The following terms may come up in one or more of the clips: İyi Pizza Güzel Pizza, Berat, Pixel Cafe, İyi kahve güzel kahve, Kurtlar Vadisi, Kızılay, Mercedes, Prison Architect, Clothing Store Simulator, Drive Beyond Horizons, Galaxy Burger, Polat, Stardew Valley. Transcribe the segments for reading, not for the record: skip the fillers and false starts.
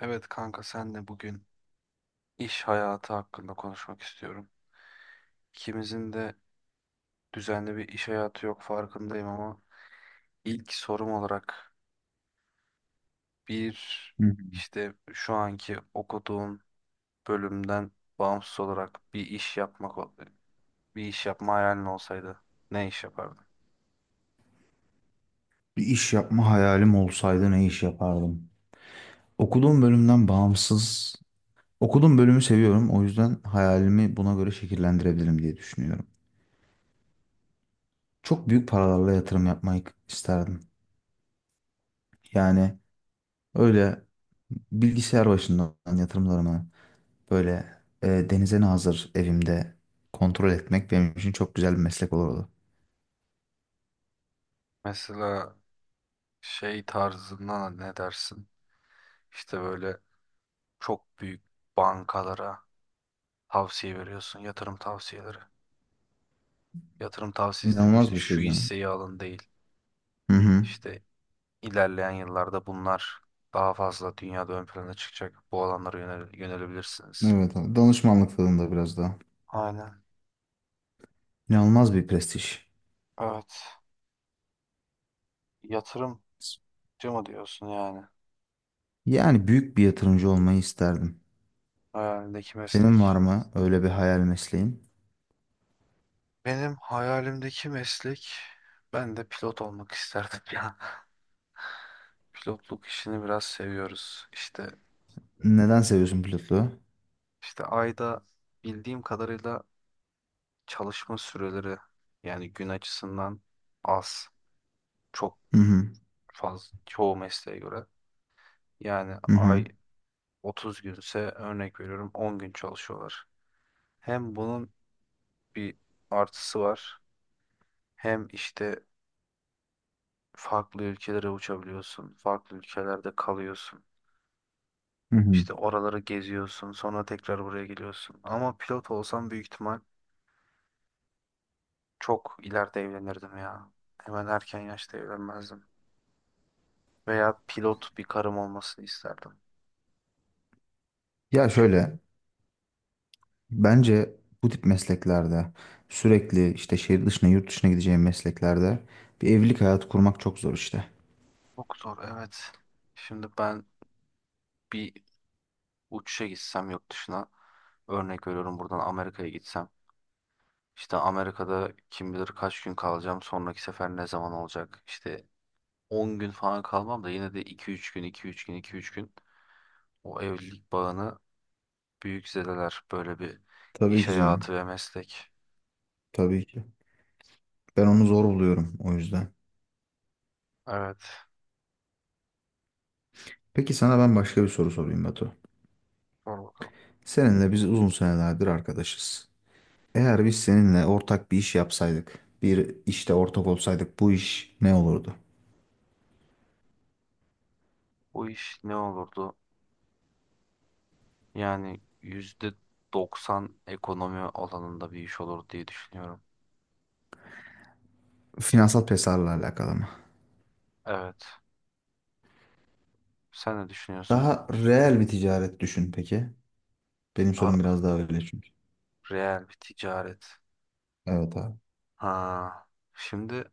Evet kanka senle bugün iş hayatı hakkında konuşmak istiyorum. İkimizin de düzenli bir iş hayatı yok farkındayım ama ilk sorum olarak bir Hı hı. işte şu anki okuduğun bölümden bağımsız olarak bir iş yapma hayalin olsaydı ne iş yapardın? Bir iş yapma hayalim olsaydı ne iş yapardım? Okuduğum bölümden bağımsız, okuduğum bölümü seviyorum. O yüzden hayalimi buna göre şekillendirebilirim diye düşünüyorum. Çok büyük paralarla yatırım yapmayı isterdim. Yani öyle bilgisayar başından yatırımlarımı böyle denize nazır evimde kontrol etmek benim için çok güzel bir meslek olurdu. Mesela şey tarzından ne dersin? İşte böyle çok büyük bankalara tavsiye veriyorsun, yatırım tavsiyeleri. Yatırım tavsiyesi dedim, İnanılmaz işte bir şey şu canım. hisseyi alın değil. Hı hı. İşte ilerleyen yıllarda bunlar daha fazla dünyada ön plana çıkacak. Bu alanlara yönelebilirsiniz. Evet abi. Danışmanlık tadında biraz daha. Aynen. İnanılmaz bir prestij. Evet. Yatırımcı mı diyorsun yani? Yani büyük bir yatırımcı olmayı isterdim. Hayalindeki meslek. Senin var mı öyle bir hayal mesleğin? Benim hayalimdeki meslek, ben de pilot olmak isterdim ya. Pilotluk işini biraz seviyoruz. İşte Neden seviyorsun pilotluğu? işte ayda, bildiğim kadarıyla, çalışma süreleri yani gün açısından az. Çok Hı hı, fazla, çoğu mesleğe göre. Yani hı ay hı, 30 günse, örnek veriyorum, 10 gün çalışıyorlar. Hem bunun bir artısı var, hem işte farklı ülkelere uçabiliyorsun. Farklı ülkelerde kalıyorsun. hı hı. İşte oraları geziyorsun, sonra tekrar buraya geliyorsun. Ama pilot olsam büyük ihtimal çok ileride evlenirdim ya. Hemen erken yaşta evlenmezdim. Veya pilot bir karım olmasını isterdim. Ya Çünkü şöyle, bence bu tip mesleklerde sürekli işte şehir dışına, yurt dışına gideceğim mesleklerde bir evlilik hayatı kurmak çok zor işte. çok zor, evet. Şimdi ben bir uçuşa gitsem yurt dışına, örnek veriyorum buradan Amerika'ya gitsem, işte Amerika'da kim bilir kaç gün kalacağım, sonraki sefer ne zaman olacak, işte 10 gün falan kalmam da yine de 2-3 gün, 2-3 gün, 2-3 gün o evlilik bağını büyük zedeler, böyle bir Tabii iş ki canım, hayatı ve meslek. tabii ki. Ben onu zor buluyorum o yüzden. Evet, Peki sana ben başka bir soru sorayım Batu. sor bakalım. Seninle biz uzun senelerdir arkadaşız. Eğer biz seninle ortak bir iş yapsaydık, bir işte ortak olsaydık bu iş ne olurdu? Bu iş ne olurdu? Yani %90 ekonomi alanında bir iş olur diye düşünüyorum. Finansal pesarla alakalı mı? Evet. Sen ne düşünüyorsun? Daha reel bir ticaret düşün peki. Benim Daha sorum biraz daha öyle çünkü. reel bir ticaret. Evet abi. Ha, şimdi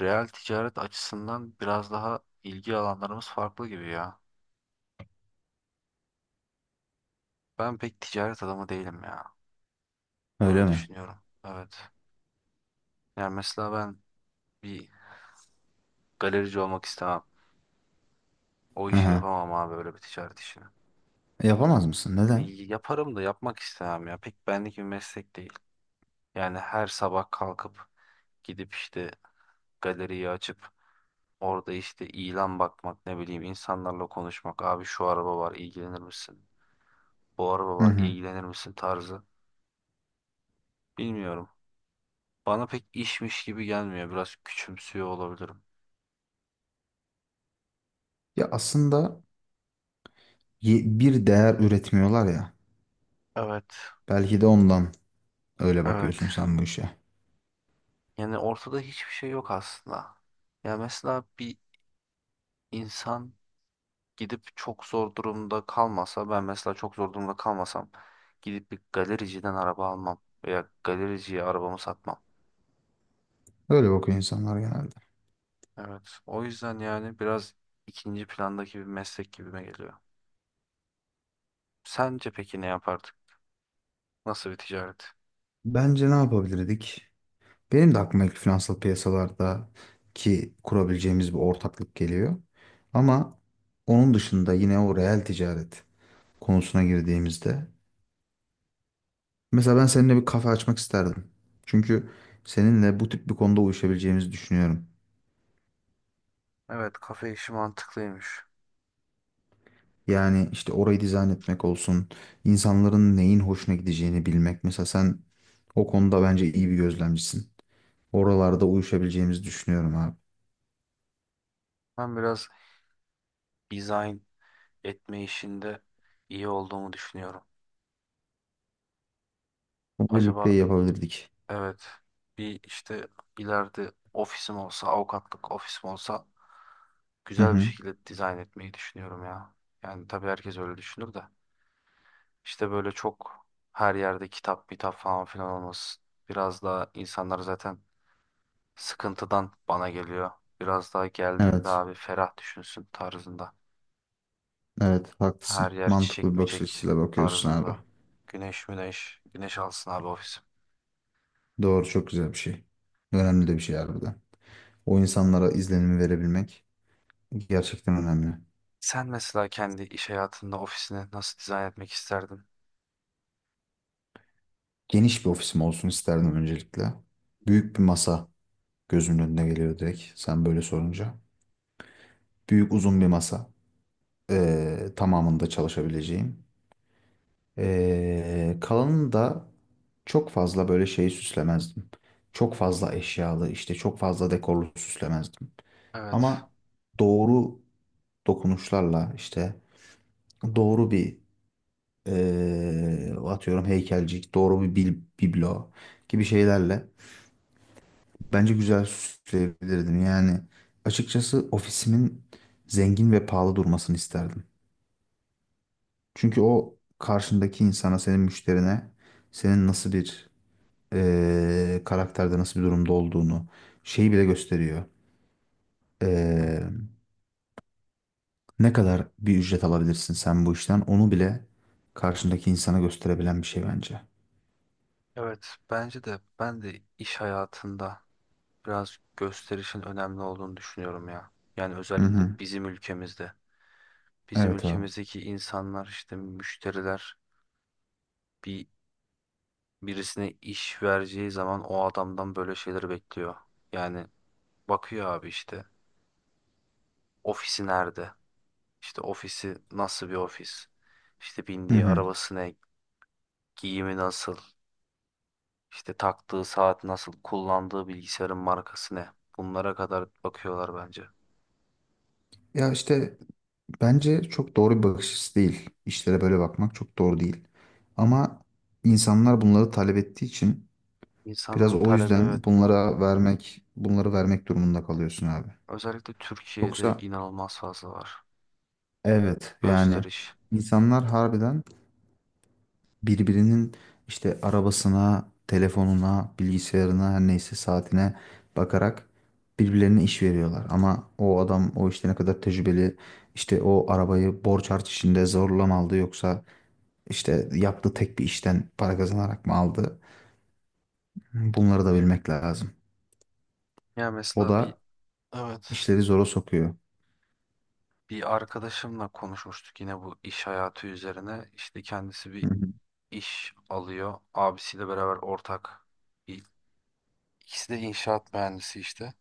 reel ticaret açısından biraz daha ilgi alanlarımız farklı gibi ya. Ben pek ticaret adamı değilim ya. Öyle Öyle mi? düşünüyorum. Evet. Yani mesela ben bir galerici olmak istemem. O Hı işi hı. yapamam abi, öyle bir ticaret işini. Yapamaz mısın? E, Neden? yaparım da yapmak istemem ya. Pek benlik bir meslek değil. Yani her sabah kalkıp gidip işte galeriyi açıp, orada işte ilan bakmak, ne bileyim, insanlarla konuşmak. Abi şu araba var ilgilenir misin? Bu araba Hı var hı. ilgilenir misin tarzı. Bilmiyorum. Bana pek işmiş gibi gelmiyor. Biraz küçümsüyor olabilirim. Ya aslında bir değer üretmiyorlar ya. Evet, Belki de ondan öyle evet. bakıyorsun sen bu işe. Yani ortada hiçbir şey yok aslında. Yani mesela bir insan gidip çok zor durumda kalmasa, ben mesela çok zor durumda kalmasam, gidip bir galericiden araba almam veya galericiye arabamı satmam. Öyle bakıyor insanlar genelde. Evet. O yüzden yani biraz ikinci plandaki bir meslek gibime geliyor. Sence peki ne yapardık? Nasıl bir ticaret? Bence ne yapabilirdik? Benim de aklıma ilk finansal piyasalarda ki kurabileceğimiz bir ortaklık geliyor. Ama onun dışında yine o reel ticaret konusuna girdiğimizde mesela ben seninle bir kafe açmak isterdim. Çünkü seninle bu tip bir konuda uyuşabileceğimizi düşünüyorum. Evet, kafe işi mantıklıymış. Yani işte orayı dizayn etmek olsun, insanların neyin hoşuna gideceğini bilmek. Mesela sen o konuda bence iyi bir gözlemcisin. Oralarda uyuşabileceğimizi düşünüyorum abi. Ben biraz dizayn etme işinde iyi olduğumu düşünüyorum. Bunu birlikte Acaba, yapabilirdik. evet, bir işte ileride ofisim olsa, avukatlık ofisim olsa, Hı güzel bir hı. şekilde dizayn etmeyi düşünüyorum ya. Yani tabii herkes öyle düşünür de. İşte böyle çok, her yerde kitap, kitap falan filan olması, biraz daha insanlar zaten sıkıntıdan bana geliyor. Biraz daha geldiğinde Evet. abi ferah düşünsün tarzında. Evet Her haklısın. yer Mantıklı çiçek bir bakış böcek açısıyla bakıyorsun abi. tarzında. Güneş müneş. Güneş alsın abi ofisim. Doğru çok güzel bir şey. Önemli de bir şey harbiden. O insanlara izlenimi verebilmek gerçekten önemli. Sen mesela kendi iş hayatında ofisini nasıl dizayn etmek isterdin? Geniş bir ofisim olsun isterdim öncelikle. Büyük bir masa gözümün önüne geliyor direkt sen böyle sorunca. Büyük uzun bir masa. Tamamında çalışabileceğim. Kalanını da çok fazla böyle şeyi süslemezdim. Çok fazla eşyalı işte çok fazla dekorlu süslemezdim. Evet. Ama doğru dokunuşlarla işte doğru bir atıyorum heykelcik, doğru bir biblo gibi şeylerle bence güzel süsleyebilirdim. Yani açıkçası ofisimin zengin ve pahalı durmasını isterdim. Çünkü o karşındaki insana, senin müşterine senin nasıl bir karakterde, nasıl bir durumda olduğunu şeyi bile gösteriyor. Ne kadar bir ücret alabilirsin sen bu işten onu bile karşındaki insana gösterebilen bir şey bence. Evet. Bence de ben de iş hayatında biraz gösterişin önemli olduğunu düşünüyorum ya. Yani Hı özellikle hı. bizim ülkemizde. Bizim Evet abi. ülkemizdeki insanlar, işte müşteriler, bir birisine iş vereceği zaman o adamdan böyle şeyleri bekliyor. Yani bakıyor abi, işte ofisi nerede? İşte ofisi nasıl bir ofis? İşte Hı bindiği hı. arabası ne? Giyimi nasıl? İşte taktığı saat nasıl? Kullandığı bilgisayarın markası ne? Bunlara kadar bakıyorlar bence. Ya işte bence çok doğru bir bakış açısı değil. İşlere böyle bakmak çok doğru değil. Ama insanlar bunları talep ettiği için biraz İnsanların o talebi yüzden evet bu. bunlara vermek, bunları vermek durumunda kalıyorsun abi. Özellikle Türkiye'de Yoksa inanılmaz fazla var. evet yani Gösteriş. insanlar harbiden birbirinin işte arabasına, telefonuna, bilgisayarına her neyse saatine bakarak birbirlerine iş veriyorlar. Ama o adam o işte ne kadar tecrübeli işte o arabayı borç harç içinde zorla mı aldı yoksa işte yaptığı tek bir işten para kazanarak mı aldı? Bunları da bilmek lazım. Ya O mesela da evet, işleri zora sokuyor. bir arkadaşımla konuşmuştuk yine bu iş hayatı üzerine. İşte kendisi Hı bir hı, iş alıyor. Abisiyle beraber ortak. İ- İkisi de inşaat mühendisi işte.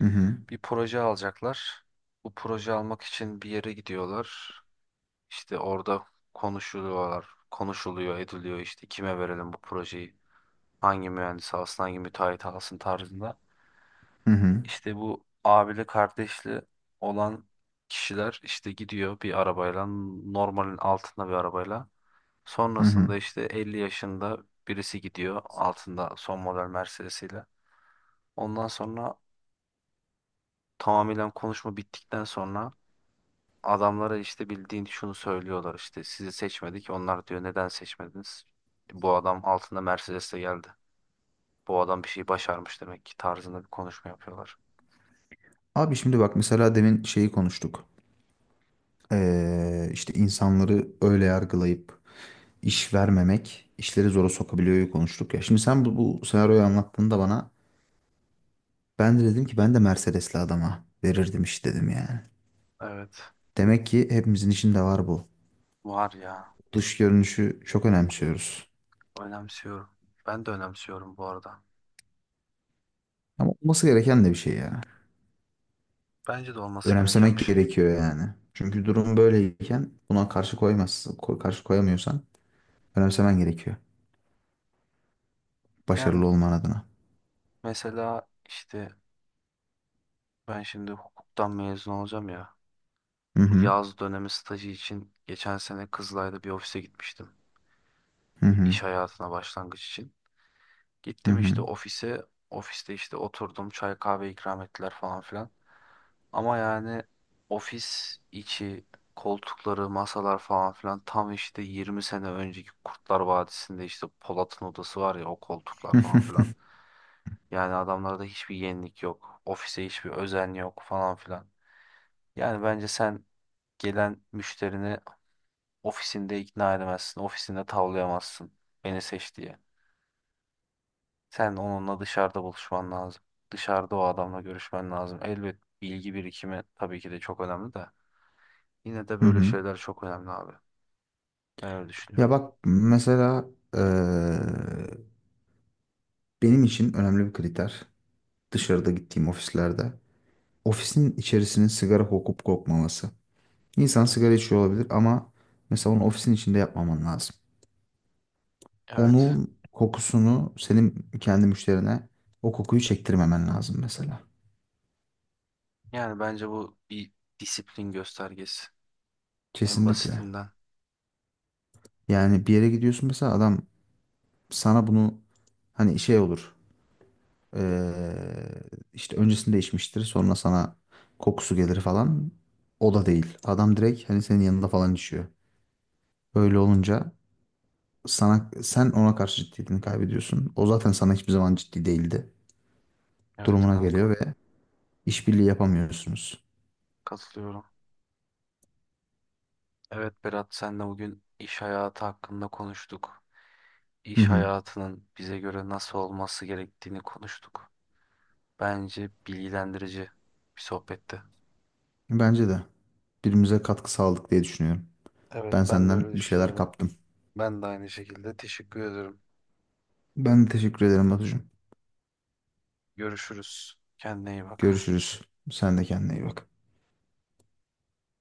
hı Bir proje alacaklar. Bu proje almak için bir yere gidiyorlar. İşte orada konuşuluyorlar. Konuşuluyor, ediliyor, işte kime verelim bu projeyi? Hangi mühendis alsın, hangi müteahhit alsın tarzında. hı, hı. İşte bu abili kardeşli olan kişiler işte gidiyor bir arabayla, normalin altında bir arabayla. Hı hı. Sonrasında işte 50 yaşında birisi gidiyor altında son model Mercedes'iyle. Ondan sonra, tamamen konuşma bittikten sonra, adamlara işte bildiğin şunu söylüyorlar, işte sizi seçmedik. Onlar diyor neden seçmediniz? Bu adam altında Mercedes'le geldi. Bu adam bir şey başarmış demek ki tarzında bir konuşma yapıyorlar. Abi şimdi bak mesela demin şeyi konuştuk. İşte insanları öyle yargılayıp iş vermemek işleri zora sokabiliyor konuştuk ya. Şimdi sen bu senaryoyu anlattığında bana ben de dedim ki ben de Mercedes'li adama verirdim iş dedim yani. Evet, Demek ki hepimizin içinde var bu. var ya, Dış görünüşü çok önemsiyoruz. önemsiyorum. Ben de önemsiyorum bu arada. Ama olması gereken de bir şey ya. Bence de olması gereken Önemsemek bir şey. gerekiyor yani. Çünkü durum böyleyken buna karşı koymazsın, karşı koyamıyorsan önemsemen gerekiyor. Yani Başarılı olman adına. mesela işte ben şimdi hukuktan mezun olacağım ya. Hı Bu hı, yaz dönemi stajı için geçen sene Kızılay'da bir ofise gitmiştim. hı hı, İş hayatına başlangıç için. hı Gittim işte hı, ofise. Ofiste işte oturdum. Çay kahve ikram ettiler falan filan. Ama yani ofis içi koltukları, masalar falan filan, tam işte 20 sene önceki Kurtlar Vadisi'nde işte Polat'ın odası var ya, o koltuklar hı falan hı. filan. Yani adamlarda hiçbir yenilik yok. Ofise hiçbir özen yok falan filan. Yani bence sen gelen müşterini ofisinde ikna edemezsin. Ofisinde tavlayamazsın. Beni seç diye. Sen onunla dışarıda buluşman lazım. Dışarıda o adamla görüşmen lazım. Elbet bilgi birikimi tabii ki de çok önemli de. Yine de Hı böyle hı. şeyler çok önemli abi. Ben öyle düşünüyorum. Ya bak mesela eee, benim için önemli bir kriter dışarıda gittiğim ofislerde ofisin içerisinin sigara kokup kokmaması. İnsan Evet. sigara içiyor olabilir ama mesela onu ofisin içinde yapmaman lazım. Evet. Onun kokusunu senin kendi müşterine o kokuyu çektirmemen lazım mesela. Yani bence bu bir disiplin göstergesi. En Kesinlikle. basitinden. Yani bir yere gidiyorsun mesela adam sana bunu hani şey olur, eee, işte öncesinde içmiştir sonra sana kokusu gelir falan. O da değil. Adam direkt hani senin yanında falan içiyor. Öyle olunca sana sen ona karşı ciddiyetini kaybediyorsun. O zaten sana hiçbir zaman ciddi değildi. Evet Durumuna geliyor kanka. ve işbirliği yapamıyorsunuz. Katılıyorum. Evet Berat, senle bugün iş hayatı hakkında konuştuk. Hı İş hı. hayatının bize göre nasıl olması gerektiğini konuştuk. Bence bilgilendirici bir sohbetti. Bence de birbirimize katkı sağladık diye düşünüyorum. Evet, Ben ben de senden öyle bir şeyler düşünüyorum. kaptım. Ben de aynı şekilde teşekkür ederim. Ben de teşekkür ederim Batucuğum. Görüşürüz. Kendine iyi bak. Görüşürüz. Sen de kendine iyi bak.